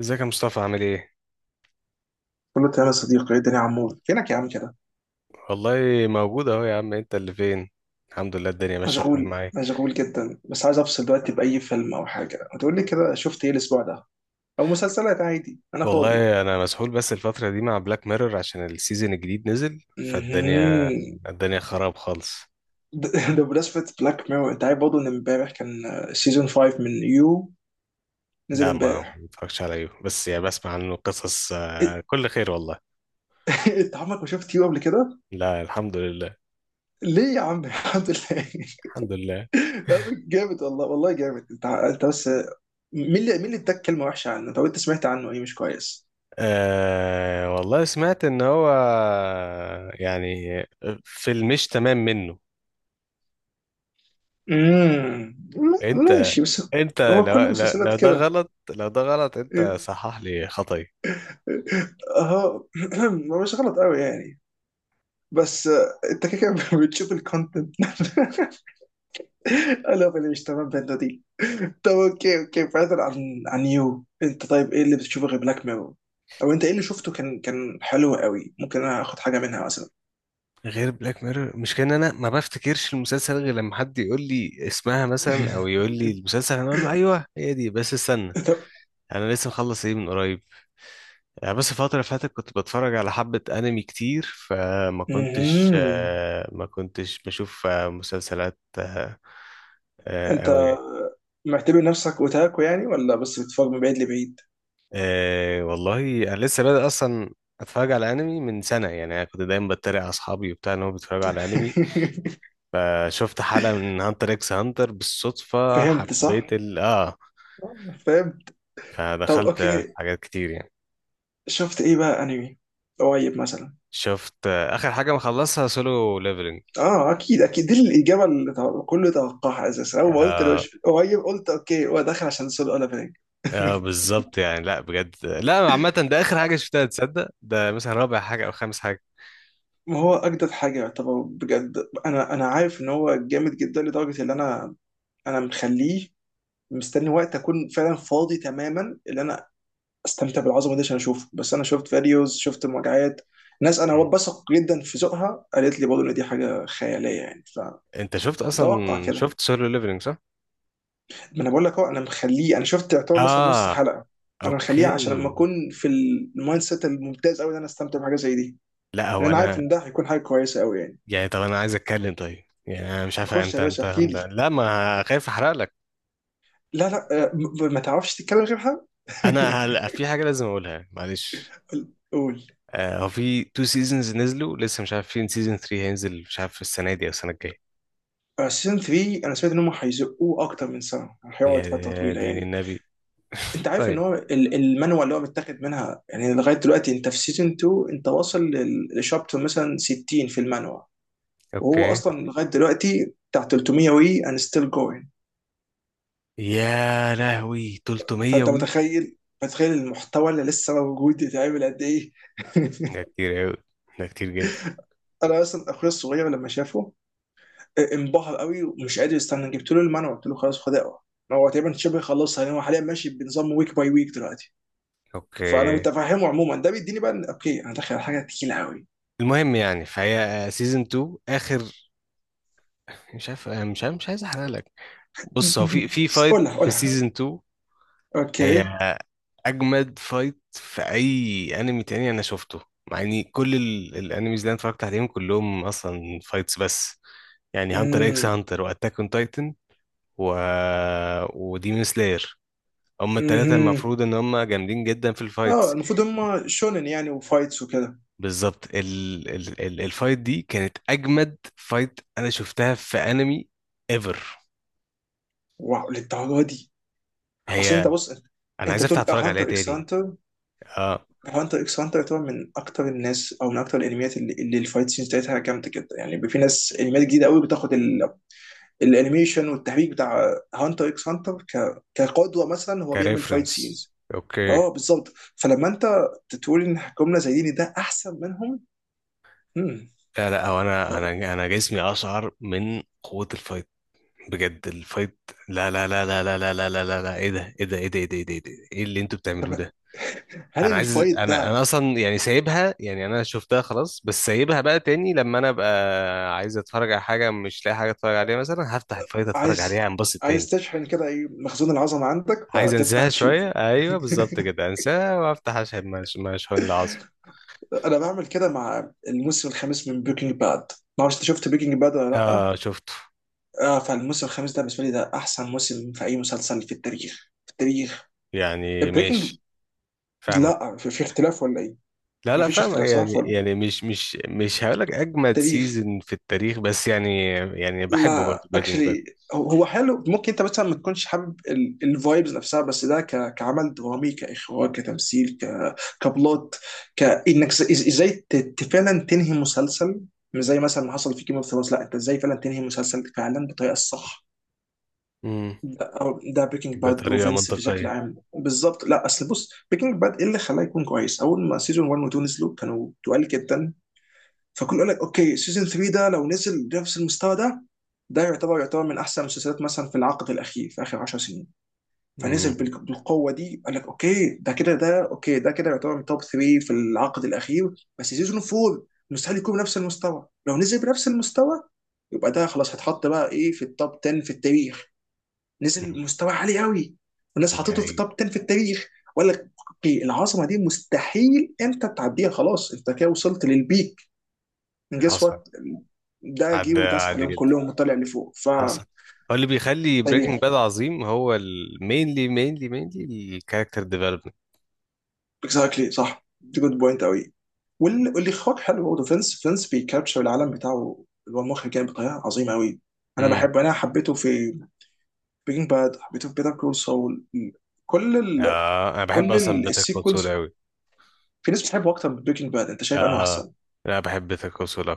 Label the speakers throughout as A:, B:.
A: ازيك يا مصطفى، عامل ايه؟
B: كله تمام يا صديقي، ايه الدنيا يا عمور؟ فينك يا عم كده؟
A: والله موجود اهو يا عم، انت اللي فين؟ الحمد لله، الدنيا ماشية تمام
B: مشغول
A: معايا.
B: مشغول جدا، بس عايز افصل دلوقتي. باي فيلم او حاجه، ما تقول لي كده شفت ايه الاسبوع ده؟ او مسلسلات عادي، انا فاضي.
A: والله انا مسحول بس الفترة دي مع بلاك ميرور عشان السيزون الجديد نزل. فالدنيا
B: مهم.
A: الدنيا خراب خالص.
B: ده ده بمناسبه بلاك ميرور، انت عارف برضه ان امبارح كان سيزون 5 من يو، نزل
A: لا، ما
B: امبارح.
A: متفرجش عليه، بس يعني بسمع عنه قصص،
B: إيه-
A: كل خير والله.
B: انت عمرك ما شفت يو قبل كده؟
A: لا، الحمد لله،
B: ليه يا عم؟ الحمد لله.
A: الحمد لله.
B: يا عم جامد، والله والله جامد. انت بس، مين اللي اداك كلمه وحشه عنه؟ طب انت سمعت عنه ايه مش كويس؟
A: آه، والله سمعت ان هو يعني في المش تمام منه.
B: امم
A: انت
B: ماشي بس.
A: انت
B: هو كل
A: لو
B: المسلسلات
A: ده
B: كده.
A: غلط، لو ده غلط انت صحح لي خطأي.
B: اه هو مش غلط قوي يعني، بس انت كده كده بتشوف الكونتنت. انا اللي مش تمام بنت دي. طب اوكي اوكي، بعيدا عن يو، انت طيب ايه اللي بتشوفه غير بلاك ميرور؟ او انت ايه اللي شفته كان حلو قوي؟ ممكن انا اخد حاجه منها مثلا.
A: غير بلاك ميرور، مش كان انا ما بفتكرش المسلسل غير لما حد يقول لي اسمها مثلا، او يقول لي المسلسل انا اقول له ايوه هي دي، بس استنى.
B: طب.
A: انا لسه مخلص ايه من قريب، يعني بس الفترة اللي فاتت كنت بتفرج على حبة أنمي كتير. فما كنتش
B: مهم.
A: آه، ما كنتش بشوف مسلسلات أوي.
B: انت معتبر نفسك اوتاكو يعني، ولا بس بتتفرج من بعيد لبعيد؟
A: أه، والله انا لسه بادئ اصلا اتفرج على انمي من سنه، يعني انا كنت دايما بتريق على اصحابي وبتاع ان هم بيتفرجوا على انمي، فشفت حلقه من هانتر اكس هانتر بالصدفه
B: فهمت،
A: حبيت
B: صح
A: ال اه
B: فهمت. طب
A: فدخلت في
B: اوكي،
A: حاجات كتير يعني.
B: شفت ايه بقى انمي قريب مثلا؟
A: شفت اخر حاجه مخلصها سولو ليفلنج.
B: اه اكيد اكيد، دي الاجابه اللي كله توقعها اساسا. اول ما قلت لو
A: اه.
B: قريب، قلت اوكي هو داخل عشان سول اولافينج.
A: اه بالظبط يعني، لا بجد، لا عامه ده اخر حاجه شفتها، تصدق ده مثلا رابع حاجه او خامس حاجه.
B: ما هو اجدد حاجه يعتبر بجد. انا عارف ان هو جامد جدا، لدرجه ان انا انا مخليه، مستني وقت اكون فعلا فاضي تماما، اللي انا استمتع بالعظمه دي عشان اشوفه. بس انا شفت فيديوز، شفت مراجعات، ناس انا
A: مم.
B: بثق جدا في ذوقها قالت لي برضه ان دي حاجه خياليه يعني.
A: انت شفت اصلا
B: فمتوقع كده.
A: شفت سولو ليفلنج صح؟
B: ما انا بقول لك اهو، انا مخليه. انا شفت يعتبر مثلا نص
A: اه.
B: حلقه، انا مخليه
A: اوكي.
B: عشان لما اكون في المايند سيت الممتاز قوي ان انا استمتع بحاجه زي دي،
A: لا،
B: لان
A: هو
B: انا عارف
A: انا
B: ان ده هيكون حاجه كويسه قوي يعني.
A: يعني، طب انا عايز اتكلم، طيب يعني انا مش عارف،
B: خش يا باشا احكي لي.
A: لا، ما خايف احرق لك.
B: لا لا، ما تعرفش تتكلم غيرها.
A: انا في حاجه لازم اقولها معلش.
B: قول.
A: آه، هو في تو سيزونز نزلوا لسه، مش عارف فين سيزون 3 هينزل، مش عارف السنه دي او السنه الجايه.
B: سيزون 3 انا سمعت ان هم هيزقوه اكتر من سنه، هيقعد فتره
A: يا
B: طويله
A: دين
B: يعني.
A: النبي.
B: انت عارف ان
A: طيب.
B: هو المانوال اللي هو متاخد منها؟ يعني لغايه دلوقتي انت في سيزون 2، انت واصل للشابتر مثلا 60 في المانوال، وهو
A: اوكي.
B: اصلا لغايه دلوقتي بتاع 300 وي اند ستيل جوينج.
A: يا لهوي، 300
B: فانت
A: وي.
B: متخيل، متخيل المحتوى اللي لسه موجود يتعمل قد ايه؟
A: ده كتير قوي، ده كتير جدا.
B: انا اصلا اخويا الصغير لما شافه، انبهر قوي ومش قادر يستنى. جبت له المانوال، قلت له خلاص خد اقرا. هو تقريبا شبه خلصها، لان هو حاليا ماشي بنظام ويك باي ويك دلوقتي. فانا
A: اوكي.
B: متفهمه عموما. ده بيديني بقى اوكي انا داخل على حاجه تقيله قوي.
A: المهم يعني، فهي سيزون 2 اخر. مش عارف مش عايز احرق لك. بص هو في فايت
B: قولها
A: في
B: قولها.
A: سيزون 2. هي
B: اوكي.
A: اجمد فايت في اي انمي تاني انا شفته، مع اني كل الانميز اللي انا اتفرجت عليهم كلهم اصلا فايتس، بس يعني هانتر اكس
B: امم
A: هانتر واتاك اون تايتن و وديمون سلاير، هما التلاتة
B: امم
A: المفروض ان هما جامدين جدا في
B: اه
A: الفايتس.
B: المفروض هم شونن يعني وفايتس وكده.
A: بالظبط، الفايت دي كانت اجمد فايت انا شفتها في انمي، ايفر.
B: واو، للدرجه دي؟ اصل انت
A: هي،
B: بص.
A: انا
B: انت
A: عايز افتح
B: بتقول اه
A: اتفرج عليها
B: هانتر اكس
A: تاني.
B: هانتر.
A: اه.
B: هانتر اكس هانتر يعتبر من اكتر الناس او من اكتر الانميات اللي الفايت سينز بتاعتها جامده جدا يعني. بيبقى في ناس انميات جديده قوي بتاخد الانيميشن والتحريك بتاع هانتر اكس هانتر كقدوه، مثلا هو بيعمل فايت
A: كريفرنس.
B: سينز.
A: اوكي.
B: اه بالظبط. فلما انت تقول ان جمله زي دي، إن ده احسن منهم. مم.
A: لا لا، هو انا جسمي اشعر من قوة الفايت، بجد الفايت. لا لا لا لا لا لا لا لا لا لا، ايه ده ايه ده ايه ده ايه ده ايه ده ايه ده؟ إيه اللي انتوا بتعملوه ده.
B: هل
A: انا عايز
B: الفايت
A: انا
B: ده
A: انا اصلا يعني سايبها، يعني انا شفتها خلاص، بس سايبها بقى تاني لما انا ابقى عايز اتفرج على حاجة مش لاقي حاجة اتفرج عليها، مثلا هفتح الفايت اتفرج
B: عايز،
A: عليها انبسط
B: عايز
A: تاني.
B: تشحن كده؟ ايه مخزون العظمه عندك،
A: عايز
B: فتفتح
A: انساها
B: تشوف؟
A: شوية، ايوه بالظبط كده، انساها وافتح اشحن مشحون العظم.
B: انا بعمل كده مع الموسم الخامس من بريكنج باد. ما اعرفش انت شفت بريكنج باد ولا لا؟
A: اه شفته.
B: اه، فالموسم الخامس ده بالنسبه لي ده احسن موسم في اي مسلسل في التاريخ، في التاريخ.
A: يعني
B: بريكنج.
A: ماشي، فاهمك.
B: لا، في اختلاف ولا ايه؟
A: لا
B: ما
A: لا،
B: فيش
A: فاهم
B: اختلاف صح
A: يعني،
B: ولا؟
A: مش هقول لك اجمد
B: التاريخ.
A: سيزون في التاريخ، بس يعني بحبه برضه
B: لا
A: بريكنج باد.
B: اكشلي، هو حلو. ممكن انت مثلا ما تكونش حابب الفايبز نفسها، بس ده كعمل درامي، كاخراج، كتمثيل، كبلوت. كانك ازاي فعلا تنهي مسلسل؟ مش زي مثلا ما حصل في جيم اوف ثرونز. لا، انت ازاي فعلا تنهي مسلسل فعلا بالطريقه الصح؟
A: امم.
B: ده أو ده بريكنج باد
A: بطريقه
B: وفينس بشكل
A: منطقيه.
B: عام بالظبط. لا اصل بص، بريكنج باد ايه اللي خلاه يكون كويس؟ اول ما سيزون 1 و2 نزلوا، كانوا تقال جدا. فكنت اقول لك اوكي، سيزون 3 ده لو نزل بنفس المستوى ده، ده يعتبر يعتبر من احسن المسلسلات، مثلا في العقد الاخير في اخر 10 سنين. فنزل
A: امم.
B: بالقوه دي، قال لك اوكي ده كده، ده اوكي، ده كده يعتبر من توب 3 في العقد الاخير. بس سيزون 4 مستحيل يكون بنفس المستوى. لو نزل بنفس المستوى، يبقى ده خلاص هيتحط بقى ايه، في التوب 10 في التاريخ.
A: أمم.
B: نزل مستوى عالي قوي، والناس حطته في
A: يعني.
B: التوب 10 في التاريخ. وقال لك اوكي العظمه دي مستحيل انت تعديها، خلاص انت كده وصلت للبيك. جس
A: حصل.
B: وات، ده جه
A: عدى
B: وداس
A: عادي
B: عليهم
A: جدا،
B: كلهم وطلع لفوق.
A: حصل. هو اللي بيخلي بريكنج
B: طيب.
A: باد عظيم هو المينلي مينلي مينلي الكاركتر ديفلوبمنت.
B: اكزاكتلي صح، دي جود بوينت قوي. واللي خد حلو برضه فينس، فينس بيكابتشر العالم بتاعه، اللي هو المخرج، يعني بطريقه عظيمه قوي. انا
A: امم.
B: بحب، انا حبيته في بريكنج باد، حبيته في بيتر كول سول. كل ال...
A: اه، انا بحب اصلا بيتر كول سول
B: السيكولز.
A: قوي.
B: في ناس بتحبه اكتر من بريكنج باد، انت شايف انه
A: اه،
B: احسن؟
A: لا بحب بيتر كول سول.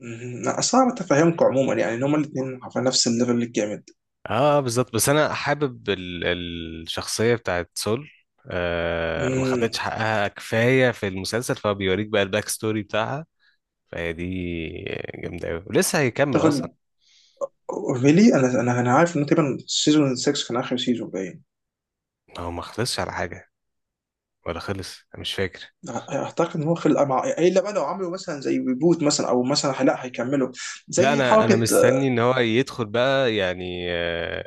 B: مم. لا اصل انا بتفهمكم عموما يعني ان هما الاثنين على نفس الليفل الجامد.
A: اه بالظبط، بس انا حابب الشخصيه بتاعت سول. آه، ما خدتش
B: امم.
A: حقها كفايه في المسلسل فبيوريك بقى الباك ستوري بتاعها، فهي دي جامده قوي ولسه هيكمل
B: تاخد
A: اصلا.
B: فيلي. انا عارف انه تقريبا سيزون 6 كان اخر سيزون باين.
A: هو ما خلصش على حاجه ولا خلص، انا مش فاكر.
B: اعتقد ان هو خلق. مع الا بقى لو عملوا مثلا زي ريبوت، مثلا او مثلا لا هيكملوا
A: لا،
B: زي
A: انا
B: حركه.
A: مستني ان هو يدخل بقى، يعني آه.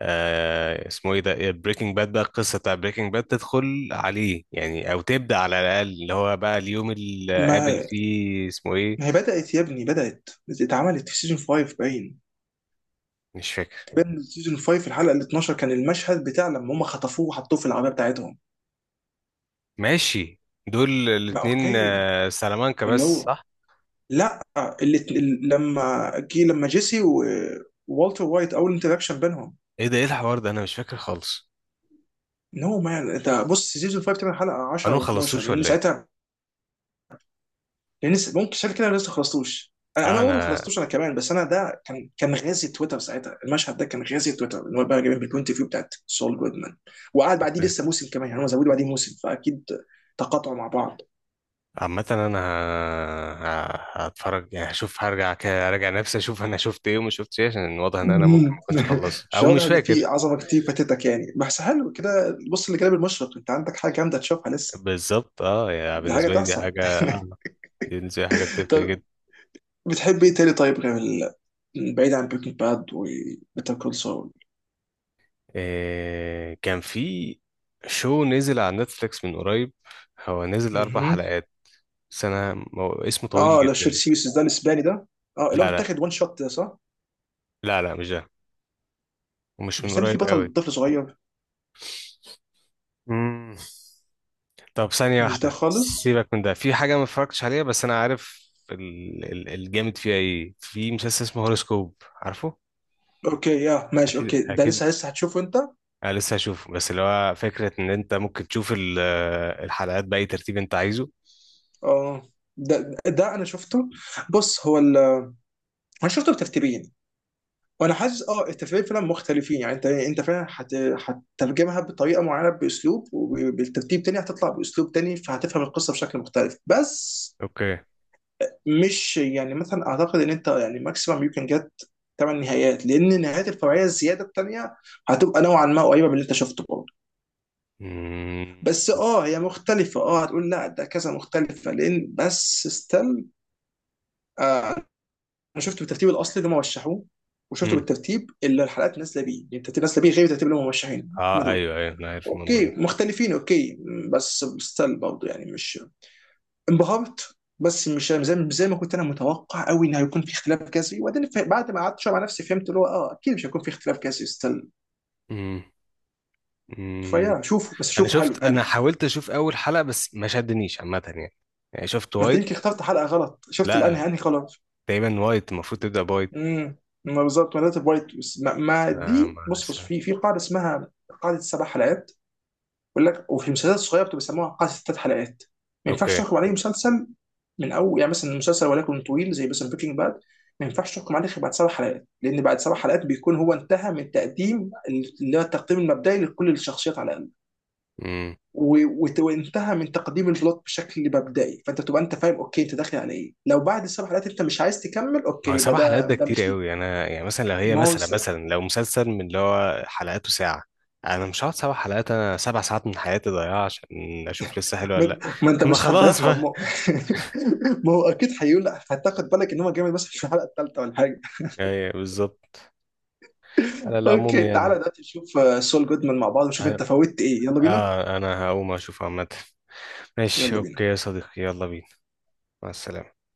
A: آه، اسمه ايه ده بريكنج باد، بقى القصه بتاع بريكنج باد تدخل عليه، يعني او تبدا على الاقل اللي هو بقى اليوم اللي قابل
B: ما
A: فيه اسمه ايه.
B: ما هي بدات يا ابني، بدات. اتعملت في سيزون 5 باين.
A: مش فاكر.
B: باين سيزون 5، الحلقه ال 12، كان المشهد بتاع لما هم خطفوه وحطوه في العربيه بتاعتهم.
A: ماشي. دول
B: ما
A: الاتنين
B: اوكي.
A: سلامانكا،
B: اللي
A: بس
B: هو،
A: صح.
B: لا، لما جه، لما جيسي ووالتر وايت اول انتراكشن بينهم.
A: ايه ده، ايه الحوار ده؟ انا مش فاكر خالص.
B: نو مان، انت بص سيزون 5 8، حلقه
A: انا
B: 10
A: ما
B: و12،
A: خلصتوش
B: لان
A: ولا ايه؟
B: ساعتها يعني لسه ممكن شايف كده. أنا لسه ما خلصتوش انا،
A: آه،
B: برضه ما
A: انا.
B: خلصتوش انا كمان. بس انا ده كان كان غازي تويتر ساعتها، المشهد ده كان غازي تويتر ان هو بقى جايبين بالبوينت فيو بتاعت سول جودمان. وقعد بعديه لسه موسم كمان يعني هم زودوا بعديه موسم. فاكيد تقاطعوا مع بعض.
A: عامة انا هتفرج، يعني هشوف هرجع كده، ارجع نفسي اشوف انا شفت ايه وما شفتش ايه، عشان واضح ان انا ممكن ما
B: مم.
A: اكونش خلصت
B: مش
A: او
B: واضح
A: مش
B: ان
A: فاكر.
B: في عظمه كتير فاتتك يعني. بس حلو كده بص، اللي جاب المشرق، انت عندك حاجه جامده تشوفها لسه،
A: بالظبط اه، يعني
B: دي حاجه
A: بالنسبة لي دي
B: تحسن.
A: حاجة، دي بالنسبة لي حاجة بتفرق
B: طب.
A: جدا.
B: بتحب ايه تاني طيب، غير بعيد عن بريكنج باد وبيتر كول
A: إيه كان في، شو نزل على نتفليكس من قريب، هو نزل اربع
B: سول؟
A: حلقات، بس انا اسمه طويل
B: اه، لا شوت
A: جدا.
B: سيريس ده الاسباني ده، اه اللي هو
A: لا لا
B: متاخد وان شوت، ده صح؟
A: لا لا، مش ده، ومش من
B: مش ده اللي فيه
A: قريب قوي.
B: بطل طفل صغير؟
A: مم. طب ثانية
B: مش ده
A: واحدة،
B: خالص.
A: سيبك من ده، في حاجة ما اتفرجتش عليها بس أنا عارف الجامد فيها إيه، في مسلسل اسمه هوروسكوب، عارفه؟
B: اوكي يا ماشي.
A: أكيد
B: اوكي، ده
A: أكيد،
B: لسه لسه هتشوفه انت.
A: أنا لسه هشوفه، بس اللي هو فكرة إن أنت ممكن تشوف الحلقات بأي ترتيب أنت عايزه.
B: اه ده انا شفته. بص هو انا شفته بترتيبين، وانا حاسس اه الترتيبين فعلا مختلفين يعني. انت فعلا هتترجمها بطريقه معينه باسلوب، وبالترتيب تاني هتطلع باسلوب تاني، فهتفهم القصه بشكل مختلف. بس
A: أوكي.
B: مش يعني مثلا اعتقد ان انت يعني، ماكسيمم يو كان جت ثمان نهايات، لان نهايات الفرعيه الزياده الثانيه هتبقى نوعا ما قريبه من اللي انت شفته برضه.
A: مم.
B: بس اه هي مختلفه، اه هتقول لا ده كذا مختلفه، لان بس ستيل. آه، انا شفت بالترتيب الاصلي اللي هم رشحوه، وشفته
A: مم.
B: بالترتيب اللي الحلقات نازله بيه، يعني الترتيب نازله بيه غير الترتيب اللي هم مرشحينه. هم
A: أه
B: دول
A: أيوه أيوه، أنا عارف الموضوع
B: اوكي
A: ده.
B: مختلفين، اوكي، بس ستيل برضه يعني مش انبهرت، بس مش زي زي ما كنت انا متوقع قوي ان هيكون في اختلاف جذري. وبعدين بعد ما قعدت شويه مع نفسي فهمت اللي هو اه اكيد مش هيكون في اختلاف جذري، ستيل.
A: مم. مم.
B: فيا شوفوا بس شوفوا، حلو
A: أنا
B: حلو.
A: حاولت أشوف أول حلقة، بس ما شدنيش عامة يعني، يعني شفت
B: ما انت يمكن
A: وايد.
B: اخترت حلقه غلط، شفت
A: لا،
B: الانهي، انهي خلاص؟
A: تقريبا وايت المفروض تبدأ بايت.
B: امم. ما بالظبط. ما ده وايت، بس ما
A: ما
B: دي.
A: ما
B: بص بص،
A: استنى.
B: في قاعده اسمها قاعده سبع حلقات. بيقول لك، وفي المسلسلات الصغيره بتبقى بيسموها قاعده ست حلقات، ما ينفعش
A: اوكي.
B: تحكم عليه مسلسل من اول. يعني مثلا مسلسل ولكن طويل زي مثلا بريكنج باد، ما ينفعش تحكم عليه غير بعد سبع حلقات، لان بعد سبع حلقات بيكون هو انتهى من تقديم، اللي هو التقديم المبدئي لكل الشخصيات على الاقل،
A: امم.
B: وانتهى من تقديم البلوت بشكل مبدئي. فانت تبقى انت فاهم اوكي انت داخل على ايه. لو بعد السبع حلقات انت مش عايز تكمل،
A: ما
B: اوكي
A: هو
B: يبقى
A: سبع حلقات
B: ده
A: ده
B: ده
A: كتير
B: مش ليك.
A: قوي، انا يعني مثلا لو هي
B: ما هو
A: مثلا
B: س...
A: لو مسلسل من اللي هو حلقاته ساعة، انا مش هقعد سبع حلقات، انا 7 ساعات من حياتي ضايعة عشان اشوف لسه حلو ولا.
B: ما ما انت
A: لا، ما
B: مش
A: خلاص
B: هتضيعها،
A: بقى.
B: ما هو. ما هو اكيد هيقول، هتاخد بالك ان هو جامد مثلا في الحلقه الثالثه ولا حاجه.
A: ايوه بالظبط. على العموم
B: اوكي تعالى
A: يعني.
B: دلوقتي نشوف سول جودمان مع بعض ونشوف
A: انا.
B: انت فوتت ايه. يلا بينا.
A: آه، انا هقوم اشوف عامة. ماشي
B: يلا بينا.
A: اوكي يا صديقي، يلا بينا. مع السلامة.